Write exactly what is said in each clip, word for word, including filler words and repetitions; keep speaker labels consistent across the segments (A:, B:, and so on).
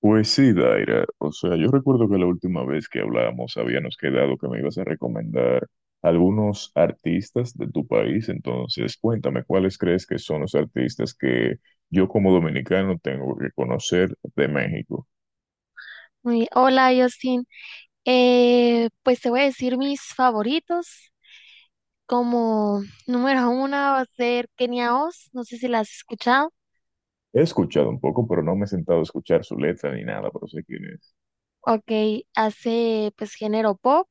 A: Pues sí, Daira. O sea, yo recuerdo que la última vez que hablábamos habíamos quedado que me ibas a recomendar algunos artistas de tu país. Entonces, cuéntame, ¿cuáles crees que son los artistas que yo como dominicano tengo que conocer de México?
B: Muy bien. Hola, Justin. Eh, pues te voy a decir mis favoritos. Como número uno va a ser Kenia Oz. No sé si la has escuchado.
A: He escuchado un poco, pero no me he sentado a escuchar su letra ni nada, pero sé quién es.
B: Ok, hace pues género pop.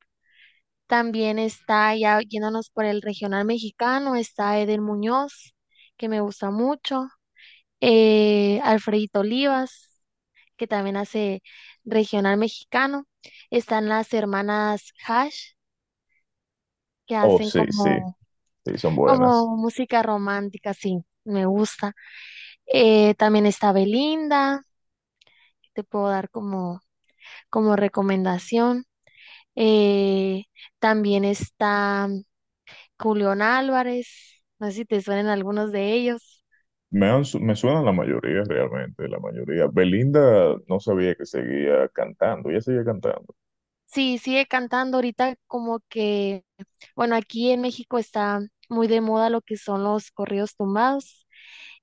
B: También está ya yéndonos por el regional mexicano. Está Eder Muñoz, que me gusta mucho. Eh, Alfredito Olivas, que también hace regional mexicano. Están las hermanas Hash, que
A: Oh,
B: hacen
A: sí, sí,
B: como.
A: sí, son
B: Como
A: buenas.
B: música romántica, sí, me gusta. Eh, también está Belinda, te puedo dar como, como recomendación. Eh, También está Julián Álvarez, no sé si te suenan algunos de ellos.
A: Me, han su- me suenan la mayoría, realmente, la mayoría. Belinda no sabía que seguía cantando, ya seguía cantando.
B: Sí, sigue cantando ahorita como que, bueno, aquí en México está muy de moda lo que son los corridos tumbados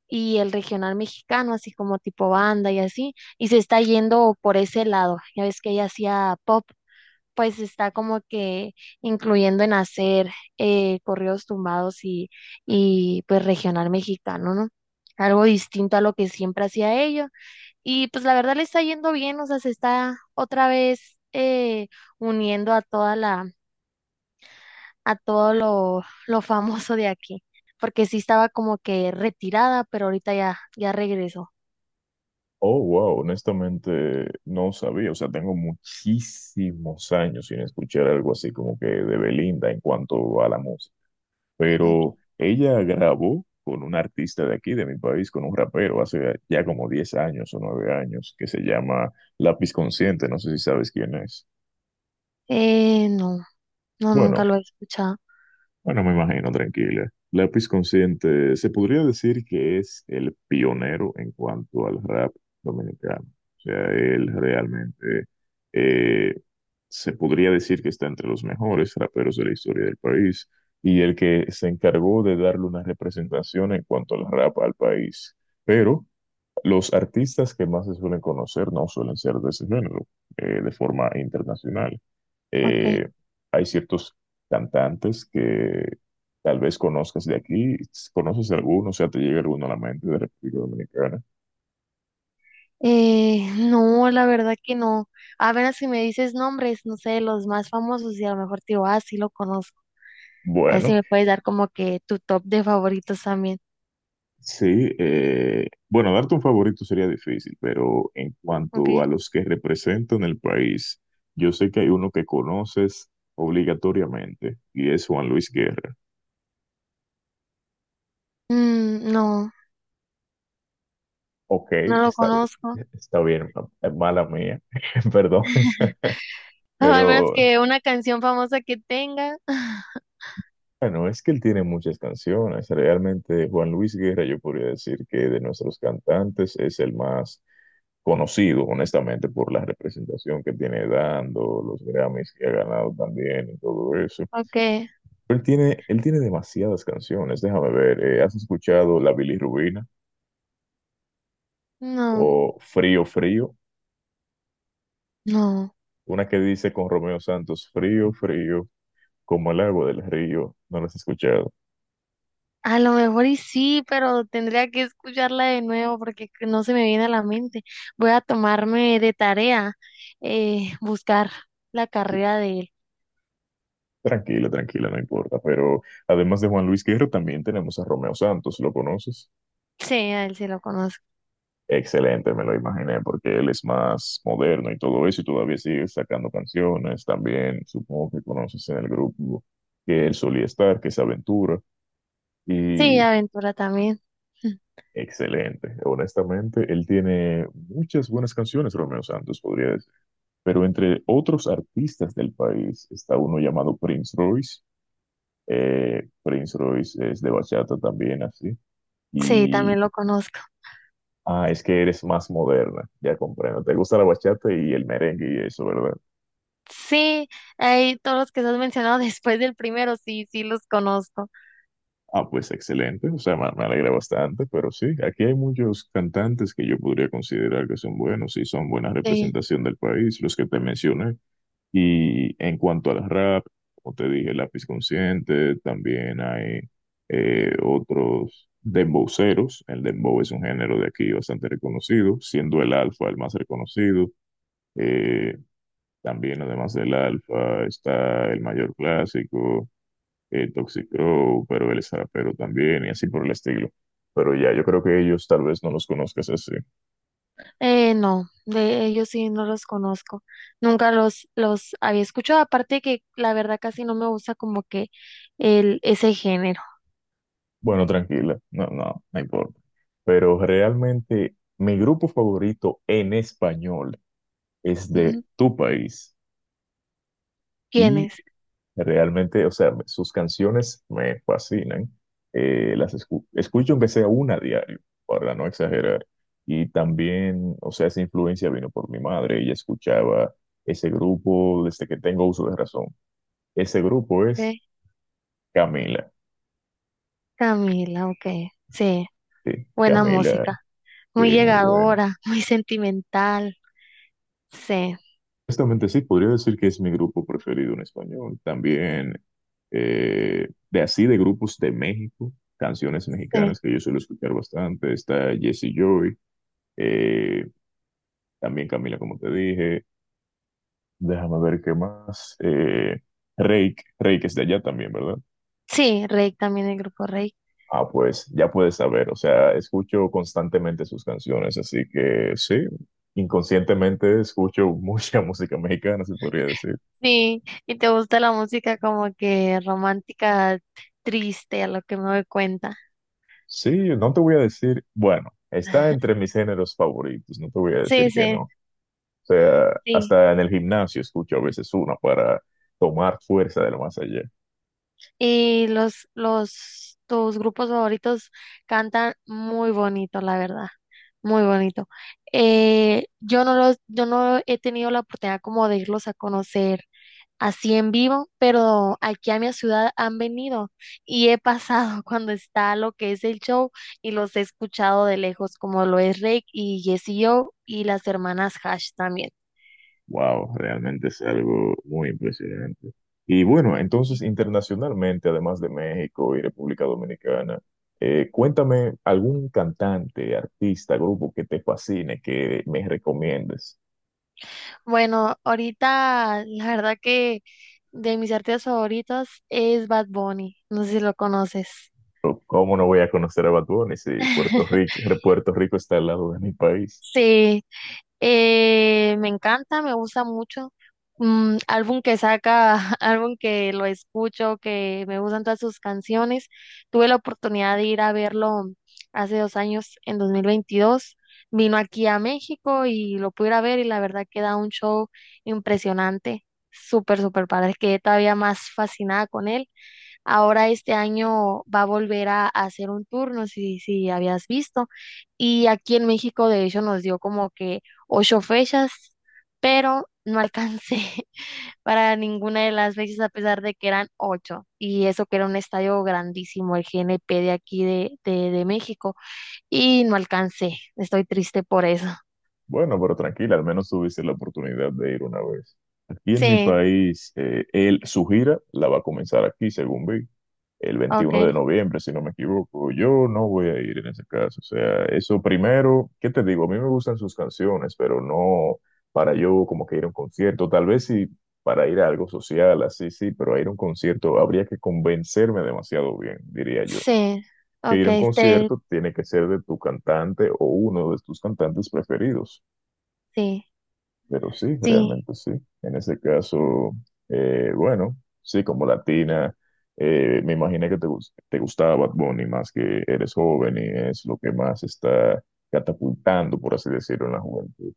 B: y el regional mexicano, así como tipo banda y así, y se está yendo por ese lado. Ya ves que ella hacía pop, pues está como que incluyendo en hacer eh, corridos tumbados y, y pues regional mexicano, ¿no? Algo distinto a lo que siempre hacía ellos. Y pues la verdad le está yendo bien, o sea, se está otra vez eh, uniendo a toda la, a todo lo, lo famoso de aquí, porque sí estaba como que retirada, pero ahorita ya, ya regresó.
A: Oh, wow, honestamente no sabía, o sea, tengo muchísimos años sin escuchar algo así como que de Belinda en cuanto a la música,
B: Ok.
A: pero ella grabó con un artista de aquí, de mi país, con un rapero, hace ya como diez años o nueve años, que se llama Lápiz Consciente, no sé si sabes quién es.
B: Eh, no, no, nunca
A: Bueno,
B: lo he escuchado.
A: Bueno, me imagino, tranquila. Lápiz Consciente se podría decir que es el pionero en cuanto al rap dominicano. O sea, él realmente eh, se podría decir que está entre los mejores raperos de la historia del país y el que se encargó de darle una representación en cuanto al rap al país. Pero los artistas que más se suelen conocer no suelen ser de ese género, eh, de forma internacional.
B: Ok.
A: Eh, hay ciertos cantantes que tal vez conozcas de aquí, ¿conoces alguno? O sea, ¿te llega alguno a la mente de República Dominicana?
B: Eh, no, la verdad que no. A ver si me dices nombres, no sé, los más famosos y a lo mejor te digo, ah, sí lo conozco. A ver si
A: Bueno,
B: me puedes dar como que tu top de favoritos también.
A: sí, eh, bueno, darte un favorito sería difícil, pero en
B: Ok.
A: cuanto a los que representan el país, yo sé que hay uno que conoces obligatoriamente y es Juan Luis Guerra.
B: Mm, no,
A: Ok,
B: no lo
A: está
B: conozco.
A: bien, está bien, ma- mala mía, perdón,
B: Ah, Al menos
A: pero
B: que una canción famosa que tenga.
A: bueno, es que él tiene muchas canciones, realmente Juan Luis Guerra yo podría decir que de nuestros cantantes es el más conocido, honestamente, por la representación que tiene dando, los Grammys que ha ganado también y todo eso.
B: Ok.
A: Pero él tiene, él tiene demasiadas canciones, déjame ver, eh, ¿has escuchado La Bilirrubina
B: No,
A: o Frío Frío?
B: no.
A: Una que dice con Romeo Santos, frío, frío, como el agua del río, ¿no lo has escuchado?
B: A lo mejor y sí, pero tendría que escucharla de nuevo porque que no se me viene a la mente. Voy a tomarme de tarea eh, buscar la
A: Sí,
B: carrera de él.
A: tranquila, tranquila, no importa. Pero además de Juan Luis Guerra, también tenemos a Romeo Santos, ¿lo conoces?
B: Sí, a él sí lo conozco.
A: Excelente, me lo imaginé, porque él es más moderno y todo eso, y todavía sigue sacando canciones. También supongo que conoces en el grupo que él solía estar, que es Aventura,
B: Sí,
A: y
B: a Ventura también.
A: excelente. Honestamente, él tiene muchas buenas canciones, Romeo Santos, podría decir. Pero entre otros artistas del país está uno llamado Prince Royce. eh, Prince Royce es de bachata también, así.
B: Sí, también
A: Y,
B: lo conozco.
A: ah, es que eres más moderna, ya comprendo. Te gusta la bachata y el merengue y eso, ¿verdad?
B: Sí, ahí todos los que has mencionado después del primero, sí, sí los conozco.
A: Ah, pues excelente, o sea, me, me alegra bastante, pero sí, aquí hay muchos cantantes que yo podría considerar que son buenos y son buena
B: Sí,
A: representación del país, los que te mencioné. Y en cuanto al rap, como te dije, Lápiz Consciente, también hay eh, otros dembowceros. El dembow es un género de aquí bastante reconocido, siendo el alfa el más reconocido. Eh, también, además del alfa, está el mayor clásico, eh, Toxic Crow, pero el es rapero también, y así por el estilo. Pero ya, yo creo que ellos tal vez no los conozcas así.
B: eh, no, de ellos sí no los conozco. Nunca los, los había escuchado, aparte que la verdad casi no me gusta como que el, ese género.
A: Bueno, tranquila, no, no, no importa. Pero realmente mi grupo favorito en español es de
B: Ujú.
A: Tu País
B: ¿Quién
A: y
B: es?
A: realmente, o sea, sus canciones me fascinan. Eh, las escu- escucho aunque sea una a diario, para no exagerar. Y también, o sea, esa influencia vino por mi madre. Ella escuchaba ese grupo desde que tengo uso de razón. Ese grupo es
B: Sí,
A: Camila.
B: Camila, ok. Sí,
A: Sí,
B: buena
A: Camila,
B: música,
A: sí,
B: muy
A: muy bueno.
B: llegadora, muy sentimental. Sí,
A: Honestamente sí, podría decir que es mi grupo preferido en español. También eh, de así de grupos de México, canciones
B: sí.
A: mexicanas que yo suelo escuchar bastante. Está Jesse Joy, eh, también Camila, como te dije. Déjame ver qué más. Eh, Reik, Reik es de allá también, ¿verdad?
B: Sí, Rey también, el grupo Rey.
A: Ah, pues ya puedes saber. O sea, escucho constantemente sus canciones, así que sí, inconscientemente escucho mucha música mexicana, se podría decir.
B: Sí, y te gusta la música como que romántica, triste, a lo que me doy cuenta.
A: Sí, no te voy a decir, bueno, está entre mis géneros favoritos, no te voy a
B: Sí,
A: decir que no.
B: sí,
A: O sea,
B: sí.
A: hasta en el gimnasio escucho a veces una para tomar fuerza de lo más allá.
B: Y los, los, tus grupos favoritos cantan muy bonito, la verdad, muy bonito. Eh, yo no los, yo no he tenido la oportunidad como de irlos a conocer así en vivo, pero aquí a mi ciudad han venido y he pasado cuando está lo que es el show y los he escuchado de lejos, como lo es Rake y Jessie o y las hermanas Hash también.
A: Wow, realmente es algo muy impresionante. Y bueno, entonces internacionalmente, además de México y República Dominicana, eh, cuéntame algún cantante, artista, grupo que te fascine, que me recomiendes.
B: Bueno, ahorita la verdad que de mis artistas favoritos es Bad Bunny, no sé si lo conoces.
A: Pero, ¿cómo no voy a conocer a Bad Bunny si Puerto Rico, Puerto Rico está al lado de mi país?
B: Sí. Eh, me encanta, me gusta mucho. Mm, álbum que saca, álbum que lo escucho, que me gustan todas sus canciones. Tuve la oportunidad de ir a verlo hace dos años, en dos mil veintidós. Vino aquí a México y lo pude ir a ver y la verdad que da un show impresionante, súper, súper padre. Quedé todavía más fascinada con él. Ahora este año va a volver a, a hacer un turno, si, si habías visto. Y aquí en México, de hecho, nos dio como que ocho fechas, pero no alcancé para ninguna de las fechas a pesar de que eran ocho. Y eso que era un estadio grandísimo, el G N P de aquí de, de, de México. Y no alcancé. Estoy triste por eso.
A: Bueno, pero tranquila, al menos tuviste la oportunidad de ir una vez. Aquí en mi
B: Sí,
A: país, eh, él, su gira la va a comenzar aquí, según vi, el
B: ok.
A: veintiuno de noviembre, si no me equivoco. Yo no voy a ir en ese caso. O sea, eso primero, ¿qué te digo? A mí me gustan sus canciones, pero no para yo como que ir a un concierto. Tal vez sí para ir a algo social, así sí, pero a ir a un concierto habría que convencerme demasiado bien, diría yo.
B: Sí,
A: Que
B: ok.
A: ir a un
B: Este,
A: concierto tiene que ser de tu cantante o uno de tus cantantes preferidos.
B: sí,
A: Pero sí,
B: sí.
A: realmente sí. En ese caso, eh, bueno, sí, como latina, eh, me imaginé que te, gus- te gustaba Bad Bunny más que eres joven y es lo que más está catapultando, por así decirlo, en la juventud.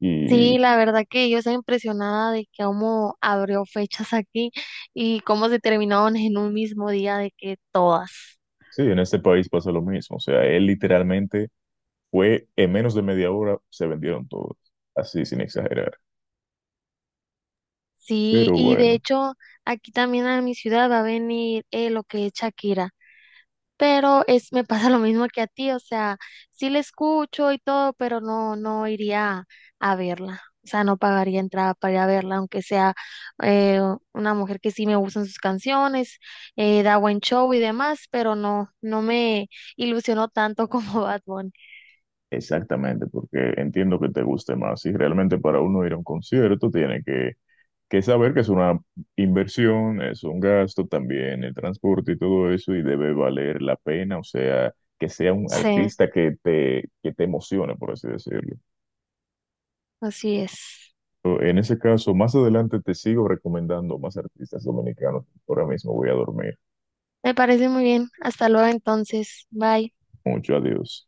A: Y
B: Sí, la verdad que yo estoy impresionada de que cómo abrió fechas aquí y cómo se terminaron en un mismo día de que todas.
A: sí, en este país pasa lo mismo. O sea, él literalmente fue, en menos de media hora se vendieron todos, así sin exagerar.
B: Sí,
A: Pero
B: y de
A: bueno,
B: hecho aquí también a mi ciudad va a venir eh, lo que es Shakira. pero es, me pasa lo mismo que a ti, o sea, sí la escucho y todo, pero no, no iría a verla. O sea, no pagaría entrada para ir a verla, aunque sea eh, una mujer que sí me gustan sus canciones, eh, da buen show y demás, pero no, no me ilusionó tanto como Bad Bunny.
A: exactamente, porque entiendo que te guste más. Y realmente para uno ir a un concierto tiene que que saber que es una inversión, es un gasto también, el transporte y todo eso, y debe valer la pena, o sea, que sea un
B: Sí,
A: artista que te, que te emocione, por así decirlo.
B: así es.
A: O, en ese caso, más adelante te sigo recomendando más artistas dominicanos. Ahora mismo voy a dormir.
B: Me parece muy bien. Hasta luego entonces. Bye.
A: Mucho adiós.